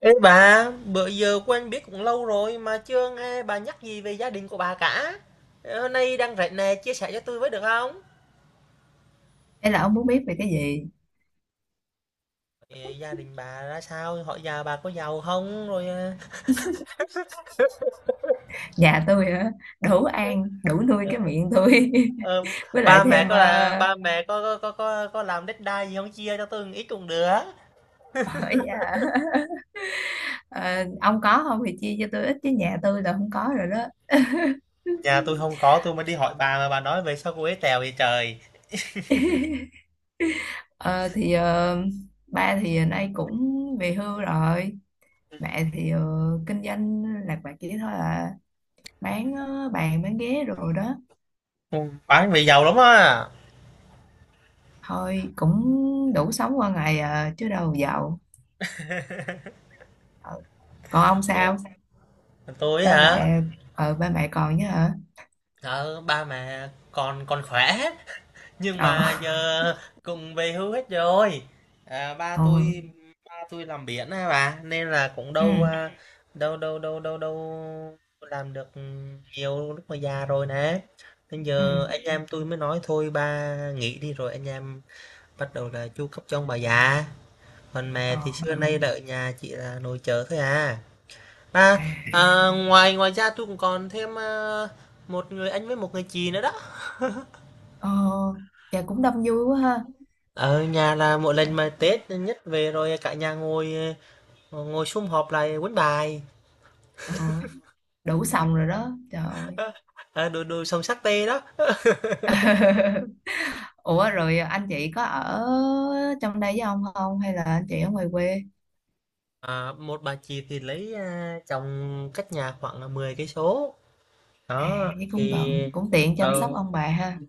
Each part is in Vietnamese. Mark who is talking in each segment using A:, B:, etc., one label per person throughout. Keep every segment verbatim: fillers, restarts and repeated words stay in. A: Ê bà, bữa giờ quen biết cũng lâu rồi mà chưa nghe bà nhắc gì về gia đình của bà cả. Ờ, Hôm nay đang rảnh nè, chia sẻ cho tôi với được không?
B: Thế là ông muốn biết về cái gì?
A: Ờ, Gia đình bà ra sao? Họ già bà có giàu không? Rồi ờ,
B: Nhà tôi hả? Đủ ăn, đủ nuôi cái miệng tôi.
A: ờ,
B: Với lại
A: ba mẹ
B: thêm
A: có là
B: ờ,
A: ba mẹ có có có có, có làm đất đai gì không chia cho tôi một ít cũng được.
B: hỏi dạ, ờ, ông có không thì chia cho tôi ít chứ nhà tôi là không có rồi đó.
A: Nhà tôi không có, tôi mới đi hỏi bà mà bà nói về sao cô ấy tèo vậy trời.
B: Ờ, thì ờ, ba thì nay cũng về hưu rồi. Mẹ thì ờ, kinh doanh lạc vặt chỉ thôi à. Bán ờ, bàn, bán ghế rồi đó.
A: Ừ, bán về giàu lắm á.
B: Thôi cũng đủ sống qua ngày à, chứ đâu giàu. Ờ, Còn ông
A: Ờ,
B: sao?
A: tôi
B: Ba
A: hả?
B: mẹ, ờ, ba mẹ còn chứ hả?
A: Ờ, ba mẹ còn còn khỏe, nhưng mà
B: Ờ.
A: giờ cùng về hưu hết rồi. À, ba
B: Ờ.
A: tôi ba tôi làm biển á bà, nên là cũng
B: Ừ.
A: đâu à, đâu đâu đâu đâu đâu làm được nhiều lúc mà già rồi nè. Nên
B: Ừ.
A: giờ anh em tôi mới nói thôi ba nghỉ đi rồi anh em bắt đầu là chu cấp cho ông bà già. Còn mẹ
B: Ờ.
A: thì xưa nay là ở nhà chỉ là nội trợ thôi à. Ba,
B: À.
A: à, ngoài ngoài ra tôi cũng còn thêm à, một người anh với một người chị nữa đó.
B: Ờ. Dạ cũng đông vui quá ha.
A: Ở nhà là mỗi
B: Ờ.
A: lần mà Tết nhất về rồi cả nhà ngồi, ờ, ngồi sum họp lại quấn bài.
B: ờ, Đủ xong rồi đó, trời ơi.
A: À, đồ đồ sông sắc tê đó.
B: Ủa, rồi anh chị có ở trong đây với ông không, hay là anh chị ở ngoài quê?
A: À, một bà chị thì lấy, à, chồng cách nhà khoảng là mười cây số
B: à
A: đó
B: với cũng
A: thì,
B: gần, cũng tiện chăm
A: ờ,
B: sóc ông bà ha.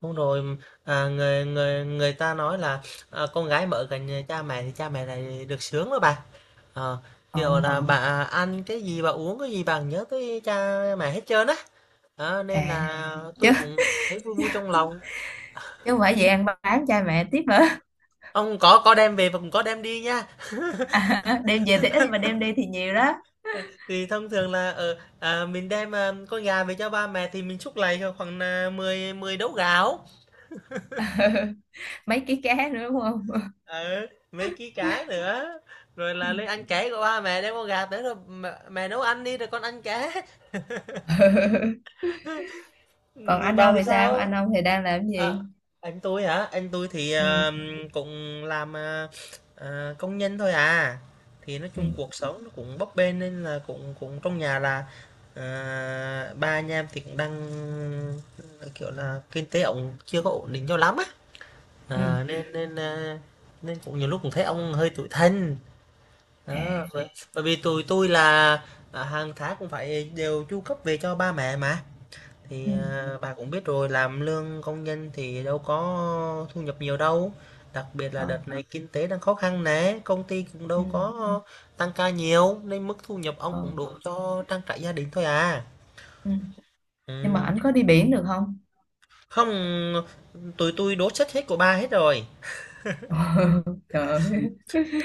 A: đúng rồi. à, người người người ta nói là, à, con gái mà ở gần nhà cha mẹ thì cha mẹ lại được sướng đó bà. Ờ,
B: Ờ.
A: kiểu là bà ăn cái gì bà uống cái gì bà nhớ tới cha mẹ hết trơn á. Đó, nên
B: À.
A: là
B: chứ
A: tôi cũng thấy vui vui trong lòng.
B: chứ không phải về ăn bán cha mẹ tiếp nữa.
A: Ông có có đem về và cũng có đem đi nha.
B: À, đem về thì ít mà đem đi thì nhiều đó.
A: Thì thông thường là, ờ, à, mình đem, à, con gà về cho ba mẹ thì mình xúc lại khoảng nà mười mười đấu gạo,
B: Mấy ký cá nữa đúng không?
A: ừ, mấy ký cá nữa, rồi là lên ăn ké của ba mẹ đem con gà tới rồi mẹ mẹ nấu ăn đi rồi con ăn ké. Ừ,
B: Còn anh
A: bà
B: ông
A: thì
B: thì sao, anh
A: sao?
B: ông thì
A: À,
B: đang làm cái
A: à,
B: gì?
A: anh tôi hả? Anh tôi thì um,
B: Ừ.
A: cũng làm à, à, công nhân thôi à. Thì nói
B: Ừ.
A: chung cuộc sống nó cũng bấp bênh nên là cũng cũng trong nhà là, à, ba anh em thì cũng đang, ờ, kiểu là kinh tế ông chưa có ổn định cho lắm á.
B: Ừ.
A: À, nên nên, à, nên cũng nhiều lúc cũng thấy ông hơi tủi thân. Đó,
B: À.
A: bởi bởi vì tụi tôi là, à, hàng tháng cũng phải đều chu cấp về cho ba mẹ mà.
B: Ừ.
A: Thì, à, bà cũng biết rồi, làm lương công nhân thì đâu có thu nhập nhiều đâu. Đặc biệt là
B: Ờ.
A: đợt này kinh tế đang khó khăn nè, công ty cũng
B: Ừ.
A: đâu có tăng ca nhiều, nên mức thu nhập ông cũng
B: Ờ.
A: đủ cho trang trải gia đình thôi à.
B: Ừ.
A: Ừ.
B: Nhưng mà ảnh có đi biển được không?
A: Không, tụi tôi đốt sách hết của bà hết rồi.
B: Trời ơi.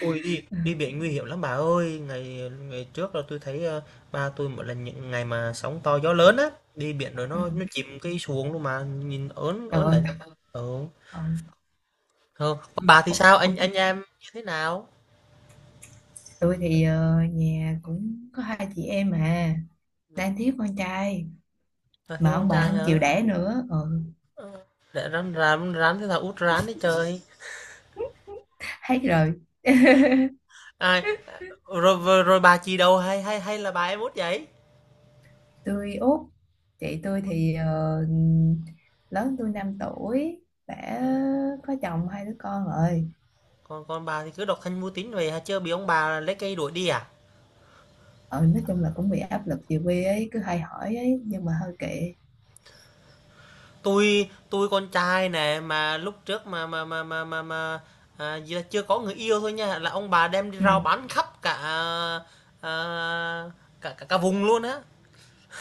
A: Ui đi,
B: Ừ.
A: đi biển nguy hiểm lắm bà ơi. Ngày Ngày trước là tôi thấy, ờ, ba tôi một lần những ngày mà sóng to gió lớn á, đi biển rồi
B: Ừ.
A: nó nó chìm cái xuồng luôn mà nhìn ớn
B: Trời
A: ớn
B: ơi.
A: lạnh. Ừ.
B: Ờ.
A: Không, còn bà thì sao? Anh anh em như thế nào?
B: Tôi thì ờ, nhà cũng có hai chị em mà đang thiếu con trai
A: Là
B: mà
A: thiếu con
B: ông bà
A: trai
B: không chịu
A: hả?
B: đẻ nữa. ừ,
A: Để rắn rắn rắn thế là út rắn đấy trời.
B: Hết rồi.
A: Ai rồi rồi, rồi bà chị đâu hay hay hay là bà em út vậy?
B: Tôi út. Chị tôi thì ờ, lớn tôi năm tuổi, đã
A: À,
B: có chồng hai đứa con rồi.
A: còn còn bà thì cứ độc thân mưu tính về hả? Chưa bị ông bà lấy cây đuổi đi à?
B: ờ nói chung là cũng bị áp lực, về quê ấy cứ hay hỏi ấy nhưng mà hơi kệ.
A: Tôi tôi con trai nè mà lúc trước mà mà mà mà mà, mà à, gì là chưa có người yêu thôi nha là ông bà đem đi rao
B: Ừ.
A: bán khắp cả, à, à, cả cả, cả vùng luôn á.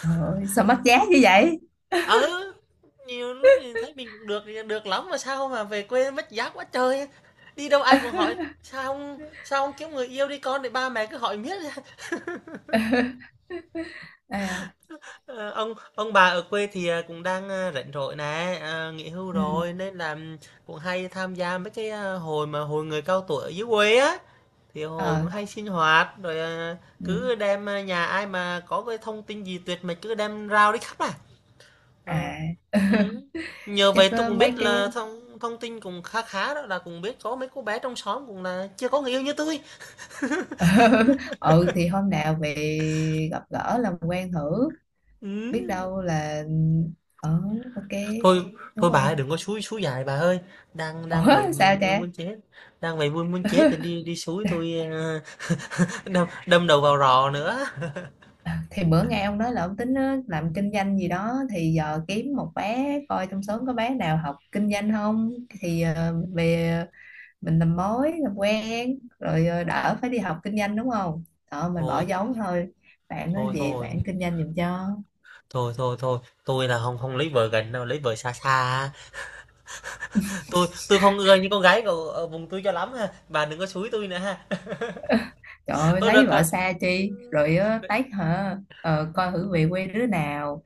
B: Trời ơi, sao mất giá như vậy?
A: Ừ, nhiều lúc thì thấy mình cũng được thì được lắm mà sao mà về quê mất vả quá trời. Đi đâu ai cũng hỏi sao ông sao ông kiếm người yêu đi con để ba mẹ cứ hỏi miết.
B: À.
A: Ờ, ông ông bà ở quê thì, à, cũng đang, à, rảnh rỗi nè, à, nghỉ hưu
B: Ừ.
A: rồi nên là cũng hay tham gia mấy cái, à, hội mà hội người cao tuổi ở dưới quê á. Thì hội
B: Ờ.
A: cũng hay sinh hoạt rồi, à,
B: Ừ.
A: cứ đem, à, nhà ai mà có cái thông tin gì tuyệt mật cứ đem rao đi khắp à. Ờ,
B: À.
A: ừ. Nhờ
B: Chắc
A: vậy tôi
B: ờ,
A: cũng
B: mấy
A: biết
B: cái.
A: là thông thông tin cũng khá khá đó là cũng biết có mấy cô bé trong xóm cũng là chưa có người yêu như tôi.
B: Ừ, thì hôm nào về gặp gỡ làm quen thử. Biết
A: Ừ.
B: đâu là. Ờ, ok,
A: Thôi Thôi
B: đúng
A: bà ơi,
B: không?
A: đừng có xúi xúi dại bà ơi. Đang Đang vậy
B: Ủa,
A: vui
B: sao
A: vui
B: cha?
A: muốn chết. Đang vậy vui muốn chết thì đi đi xúi tôi, ờ, đâm đâm đầu vào rò nữa.
B: Thì bữa nghe ông nói là ông tính ờ, làm kinh doanh gì đó thì giờ kiếm một bé coi trong xóm, có bé nào học kinh doanh không thì ờ, mình về, mình làm mối làm quen rồi ờ, đỡ phải đi học kinh doanh, đúng không? Đó mình bỏ
A: Thôi
B: giống thôi. Bạn nói
A: thôi
B: về
A: thôi.
B: bạn kinh doanh giùm cho.
A: Thôi thôi thôi, tôi là không không lấy vợ gần đâu, lấy vợ xa xa á. Tôi tôi không ưa những con gái ở ở vùng tôi cho lắm ha. Bà đừng có xúi tôi nữa ha.
B: Trời ơi,
A: Ôi rồi
B: lấy vợ
A: còn
B: xa chi rồi ờ, tách hả? ờ, Coi thử về quê đứa nào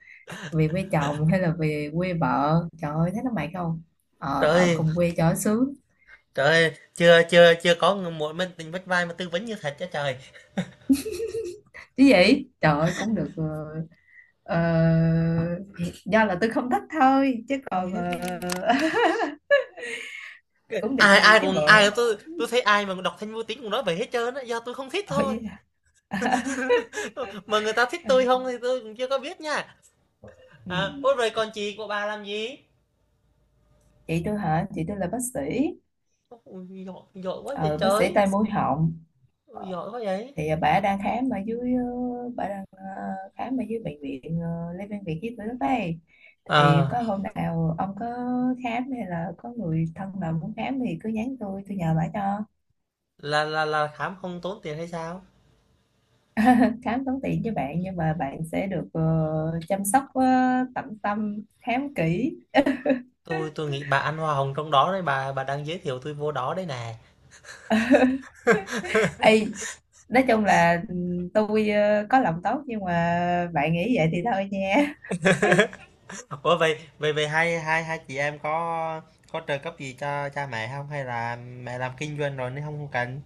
B: về quê chồng hay là về quê vợ, trời ơi thấy nó mệt không? Ờ,
A: trời
B: ở
A: ơi.
B: cùng quê cho sướng.
A: Trời ơi, chưa chưa chưa có người một mình tình vách vai mà tư vấn như thật cho trời.
B: Chứ gì, trời ơi cũng được ờ, ờ, do là tôi không thích thôi chứ còn ờ, cũng được
A: Ai
B: nhiều
A: ai
B: chứ
A: cũng
B: bộ.
A: Ai cũng, tôi tôi thấy ai mà đọc thanh vô tính cũng nói vậy hết trơn á, do tôi không thích thôi.
B: Ôi.
A: Mà người ta thích tôi không thì tôi cũng chưa có biết nha.
B: Ừ.
A: À, ôi rồi còn chị của bà làm gì?
B: Chị tôi hả? Chị tôi là bác sĩ.
A: Ôi, giỏi, giỏi quá vậy
B: ờ, bác sĩ
A: trời.
B: tai mũi họng.
A: Ôi, giỏi quá vậy.
B: Thì ờ, bà đang khám ở dưới, ờ, bà đang ờ, khám ở dưới bệnh viện ờ, Lê Văn Việt với tôi lúc ấy. Thì
A: À,
B: có hôm nào ông có khám hay là có người thân nào muốn khám thì cứ nhắn tôi tôi nhờ bà cho.
A: là là là khám không tốn tiền hay sao?
B: Khám tốn tiền cho bạn nhưng mà bạn sẽ được ờ, chăm sóc, ờ, tận tâm khám kỹ.
A: Tôi tôi nghĩ bà ăn hoa hồng trong đó đấy, bà bà đang giới thiệu tôi vô đó đấy nè.
B: Ê, nói chung là ừ, tôi ờ, có lòng tốt nhưng mà bạn nghĩ vậy thì thôi nha.
A: Ủa vậy vậy vậy hai hai hai chị em có có trợ cấp gì cho cha mẹ không hay là mẹ làm kinh doanh rồi nên không không cần?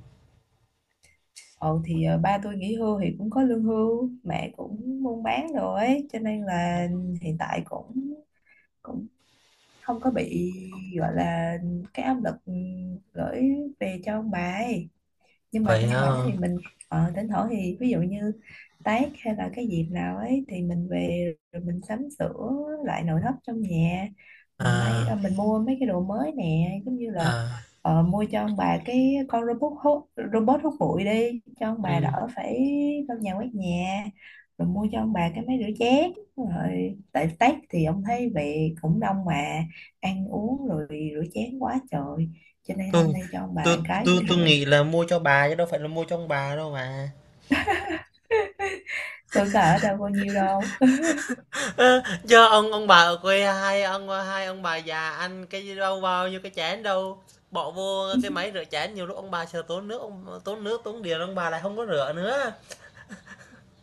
B: Ồ thì ờ, ba tôi nghỉ hưu thì cũng có lương hưu, mẹ cũng buôn bán rồi ấy, cho nên là hiện tại cũng cũng không có bị gọi là cái áp lực ừ, gửi về cho ông bà ấy. Nhưng mà
A: Vậy
B: thỉnh thoảng
A: hả.
B: thì mình ờ, thỉnh thoảng thì ví dụ như Tết hay là cái dịp nào ấy thì mình về rồi mình sắm sửa lại nội thất trong nhà, mình may
A: À.
B: ờ, mình mua mấy cái đồ mới nè, giống như là
A: À.
B: ờ, mua cho ông bà cái con robot hút robot hút bụi đi cho ông bà
A: Ừ.
B: đỡ phải lau nhà quét nhà, rồi mua cho ông bà cái máy rửa chén. Rồi tại Tết thì ông thấy về cũng đông mà ăn uống rồi rửa chén quá trời, cho nên không
A: tôi
B: mua cho ông bà
A: tôi
B: cái
A: tôi
B: cũng
A: tôi
B: được.
A: nghĩ là mua cho bà chứ đâu phải là mua cho ông bà đâu mà.
B: Tuổi cỡ đâu bao nhiêu đâu.
A: Ơ, do ông ông bà ở quê, hai ông hai ông bà già ăn cái gì đâu bao nhiêu cái chén đâu, bỏ vô cái máy rửa chén nhiều lúc ông bà sợ tốn nước, ông tốn nước tốn điện ông bà lại không có rửa nữa.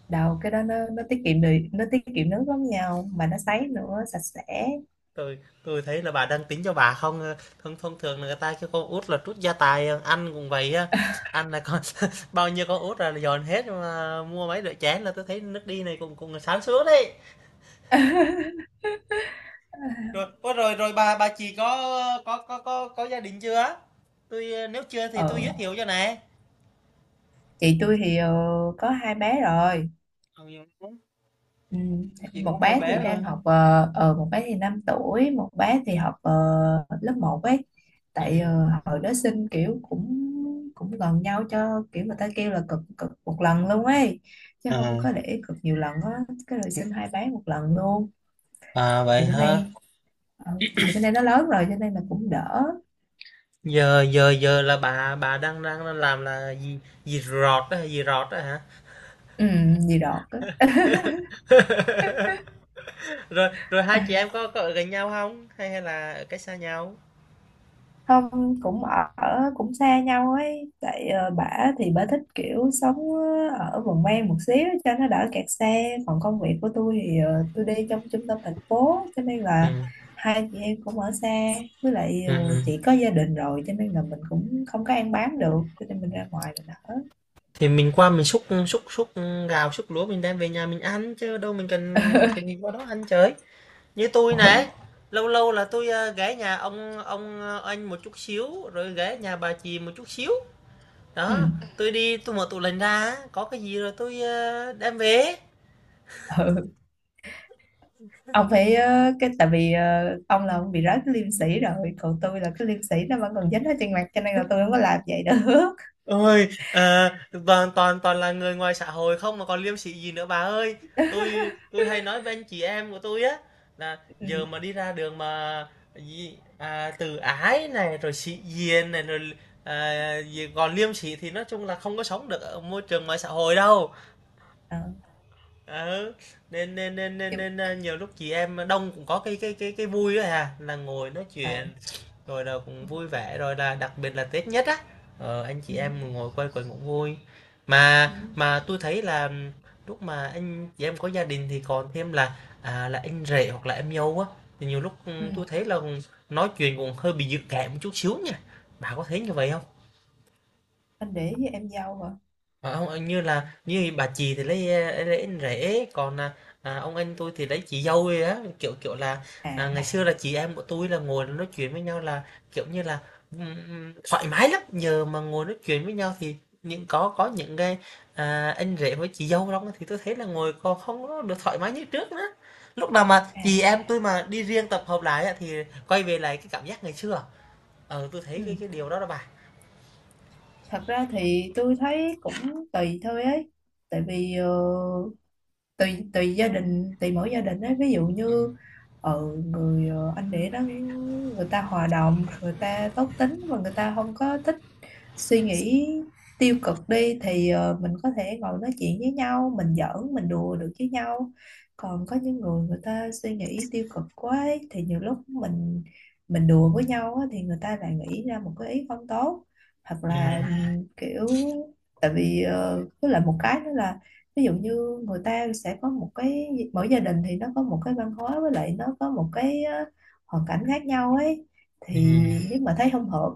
B: Đầu cái đó nó nó tiết kiệm được, nó tiết kiệm nước lắm nhau mà nó sấy nữa sạch sẽ.
A: Tôi tôi thấy là bà đang tính cho bà không. Thông Thông thường là người ta kêu con út là trút gia tài, anh ăn cũng vậy á, anh là con bao nhiêu con út là dồn hết mà mua mấy đĩa chén là tôi thấy nước đi này cũng cũng sáng suốt đấy. Rồi, ôi rồi rồi bà bà chị có có có có có gia đình chưa á? Tôi ờ, nếu chưa thì tôi giới
B: ờ
A: thiệu cho nè.
B: chị tôi thì ờ, có hai bé rồi.
A: Ừ, dạ đúng.
B: Ừ.
A: Chị có
B: Một
A: hai
B: bé thì
A: bé rồi.
B: đang học ờ, ờ, một bé thì năm tuổi, một bé thì học ờ, lớp một ấy. Tại
A: Ừ.
B: ờ, hồi đó sinh kiểu cũng cũng gần nhau, cho kiểu người ta kêu là cực, cực một lần luôn ấy, chứ không
A: À,
B: có để cực nhiều lần á. Cái rồi sinh hai bé một lần luôn.
A: à
B: Thì
A: vậy
B: bữa
A: ha.
B: nay. Ờ, thì bên đây nó lớn rồi cho nên là cũng đỡ.
A: Giờ giờ Giờ là bà bà đang đang làm là gì gì rọt đó, gì rọt đó hả?
B: ừ, Gì đọt á.
A: Rồi rồi hai
B: Ê,
A: chị em có có ở gần nhau không? Hay hay là ở cách xa nhau?
B: không cũng ở cũng xa nhau ấy, tại ờ, bả thì bả thích kiểu sống ờ, ở vùng ven một xíu cho nó đỡ kẹt xe, còn công việc của tôi thì ờ, tôi đi trong trung tâm thành phố cho nên là
A: Ừm,
B: hai chị em cũng ở xa, với lại
A: ừm,
B: ờ,
A: ừm.
B: chị có gia đình rồi cho nên là mình cũng không có ăn bám được cho nên mình ra ngoài mình ở.
A: Thì mình qua mình xúc xúc xúc gạo, xúc lúa mình đem về nhà mình ăn chứ đâu mình cần cần gì qua đó ăn trời. Như tôi
B: Mỗi.
A: này lâu lâu là tôi, ơ, ghé nhà ông ông ờ, anh một chút xíu, rồi ghé nhà bà chị một chút xíu.
B: Ừ.
A: Đó, tôi đi tôi mở tủ lạnh ra có cái gì rồi tôi, ơ, đem về.
B: Ừ. Ông phải ờ, cái tại vì ờ, ông là ông bị rớt cái liêm sĩ rồi, còn tôi là cái liêm sĩ nó vẫn còn dính ở trên mặt cho nên là tôi không có làm vậy được.
A: Ôi, ờ, toàn toàn toàn là người ngoài xã hội không mà còn liêm sỉ gì nữa bà ơi. Tôi tôi hay nói với anh chị em của tôi á, là
B: Ừ.
A: giờ mà đi ra đường mà gì, à, từ ái này rồi sĩ diện này rồi, à, gì còn liêm sỉ thì nói chung là không có sống được ở môi trường ngoài xã hội đâu.
B: ờ,
A: Ừ, nên nên nên
B: nhưng-
A: nên nên, nhiều lúc chị em đông cũng có cái cái cái cái vui á hà, là ngồi nói
B: ờ,
A: chuyện rồi là cũng
B: ừ,
A: vui vẻ, rồi là đặc biệt là Tết nhất á, ờ, anh chị
B: ừ,
A: em ngồi quây quần cũng vui.
B: ừ,
A: Mà mà tôi thấy là lúc mà anh chị em có gia đình thì còn thêm là, à, là anh rể hoặc là em dâu á, thì nhiều lúc
B: ừ.
A: ừ, tôi thấy là nói chuyện cũng hơi bị dự cảm một chút xíu nha. Bà có thấy như vậy không?
B: Anh để với em dâu hả?
A: Ờ, ông anh như là như bà chị thì lấy, eh, lấy anh rể còn, à, à, ông anh tôi thì lấy chị dâu ấy á, kiểu kiểu là, à, ngày
B: À.
A: xưa là chị em của tôi là ngồi nói chuyện với nhau là kiểu như là, ừm, ừm, thoải mái lắm nhờ mà ngồi nói chuyện với nhau, thì những có có những cái, à, anh rể với chị dâu đó thì tôi thấy là ngồi còn không có được thoải mái như trước nữa. Lúc nào mà chị
B: À.
A: em tôi mà đi riêng tập hợp lại á, thì quay về lại cái cảm giác ngày xưa, ờ tôi thấy
B: Ừ.
A: cái cái điều đó đó bà.
B: Thật ra thì tôi thấy cũng tùy thôi ấy, tại vì ờ, tùy tùy gia đình, tùy mỗi gia đình ấy, ví dụ
A: Ừ.
B: như ở người ờ, anh để đó, người ta hòa đồng, người ta tốt tính và người ta không có thích suy nghĩ tiêu cực đi thì ờ, mình có thể ngồi nói chuyện với nhau, mình giỡn mình đùa được với nhau. Còn có những người, người ta suy nghĩ tiêu cực quá ấy, thì nhiều lúc mình mình đùa với nhau á, thì người ta lại nghĩ ra một cái ý không tốt, hoặc
A: Ừ.
B: là ừm, kiểu, tại vì ờ, với lại một cái nữa là ví dụ như người ta sẽ có một cái, mỗi gia đình thì nó có một cái văn hóa, với lại nó có một cái ờ, hoàn cảnh khác nhau ấy,
A: Ừ.
B: thì nếu mà thấy không hợp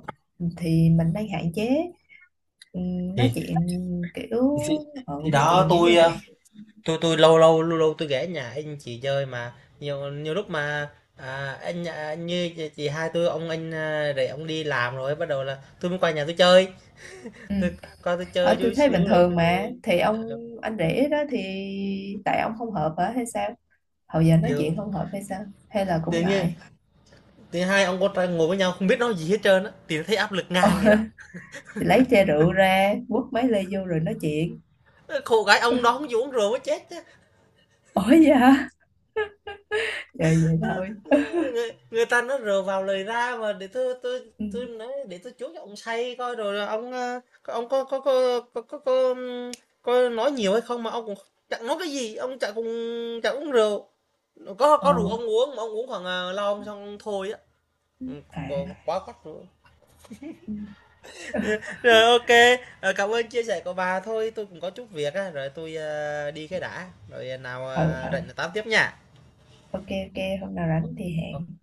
B: thì mình đang hạn chế ừ, nói
A: thì
B: chuyện kiểu,
A: thì, thì
B: ừ, nói
A: đó
B: chuyện kiểu gia
A: tôi, ờ,
B: đình.
A: tôi tôi lâu lâu lâu lâu tôi ghé nhà anh chị chơi mà nhiều nhiều lúc mà, à, anh à, như chị, chị hai tôi ông anh, à, để ông đi làm rồi bắt đầu là tôi mới qua nhà tôi chơi,
B: Ừ.
A: tôi qua tôi
B: Ở
A: chơi
B: tư
A: chút
B: thế bình
A: xíu rồi
B: thường
A: tôi
B: mà
A: về.
B: thì ông
A: Ờ,
B: anh rể đó thì, tại ông không hợp hả hay sao? Hồi giờ nói
A: chiều
B: chuyện không hợp hay sao, hay là cũng
A: tự nhiên
B: ngại?
A: thứ hai ông con trai ngồi với nhau không biết nói gì hết trơn á thì thấy áp lực
B: Ồ.
A: ngang vậy đó.
B: Thì lấy chai rượu ra quất mấy ly vô rồi nói chuyện.
A: Khổ gái ông đó không chịu uống rượu mới chết.
B: Ủa vậy hả? Rồi vậy thôi.
A: Người người ta nói rờ vào lời ra mà, để tôi tôi
B: Ừ.
A: tôi nói để tôi chuốc cho ông say coi rồi là ông, a, ông có có có có có có, có nói nhiều hay không mà ông cũng chẳng nói cái gì, ông chả cùng chả uống rượu. Có
B: Ồ.
A: có rượu ông uống mà ông uống khoảng, à, lon xong thôi á, ừm, còn
B: À.
A: quá khắt rượu.
B: Ừ. Ừ.
A: Rồi, ok, ờ, cảm ơn chia sẻ của bà. Thôi tôi cũng có chút việc á, rồi tôi, a, đi cái đã, rồi ờ, nào, à,
B: Ừ.
A: rảnh là tám tiếp nha.
B: Ok, ok, hôm nào
A: Ok.
B: rảnh thì hẹn.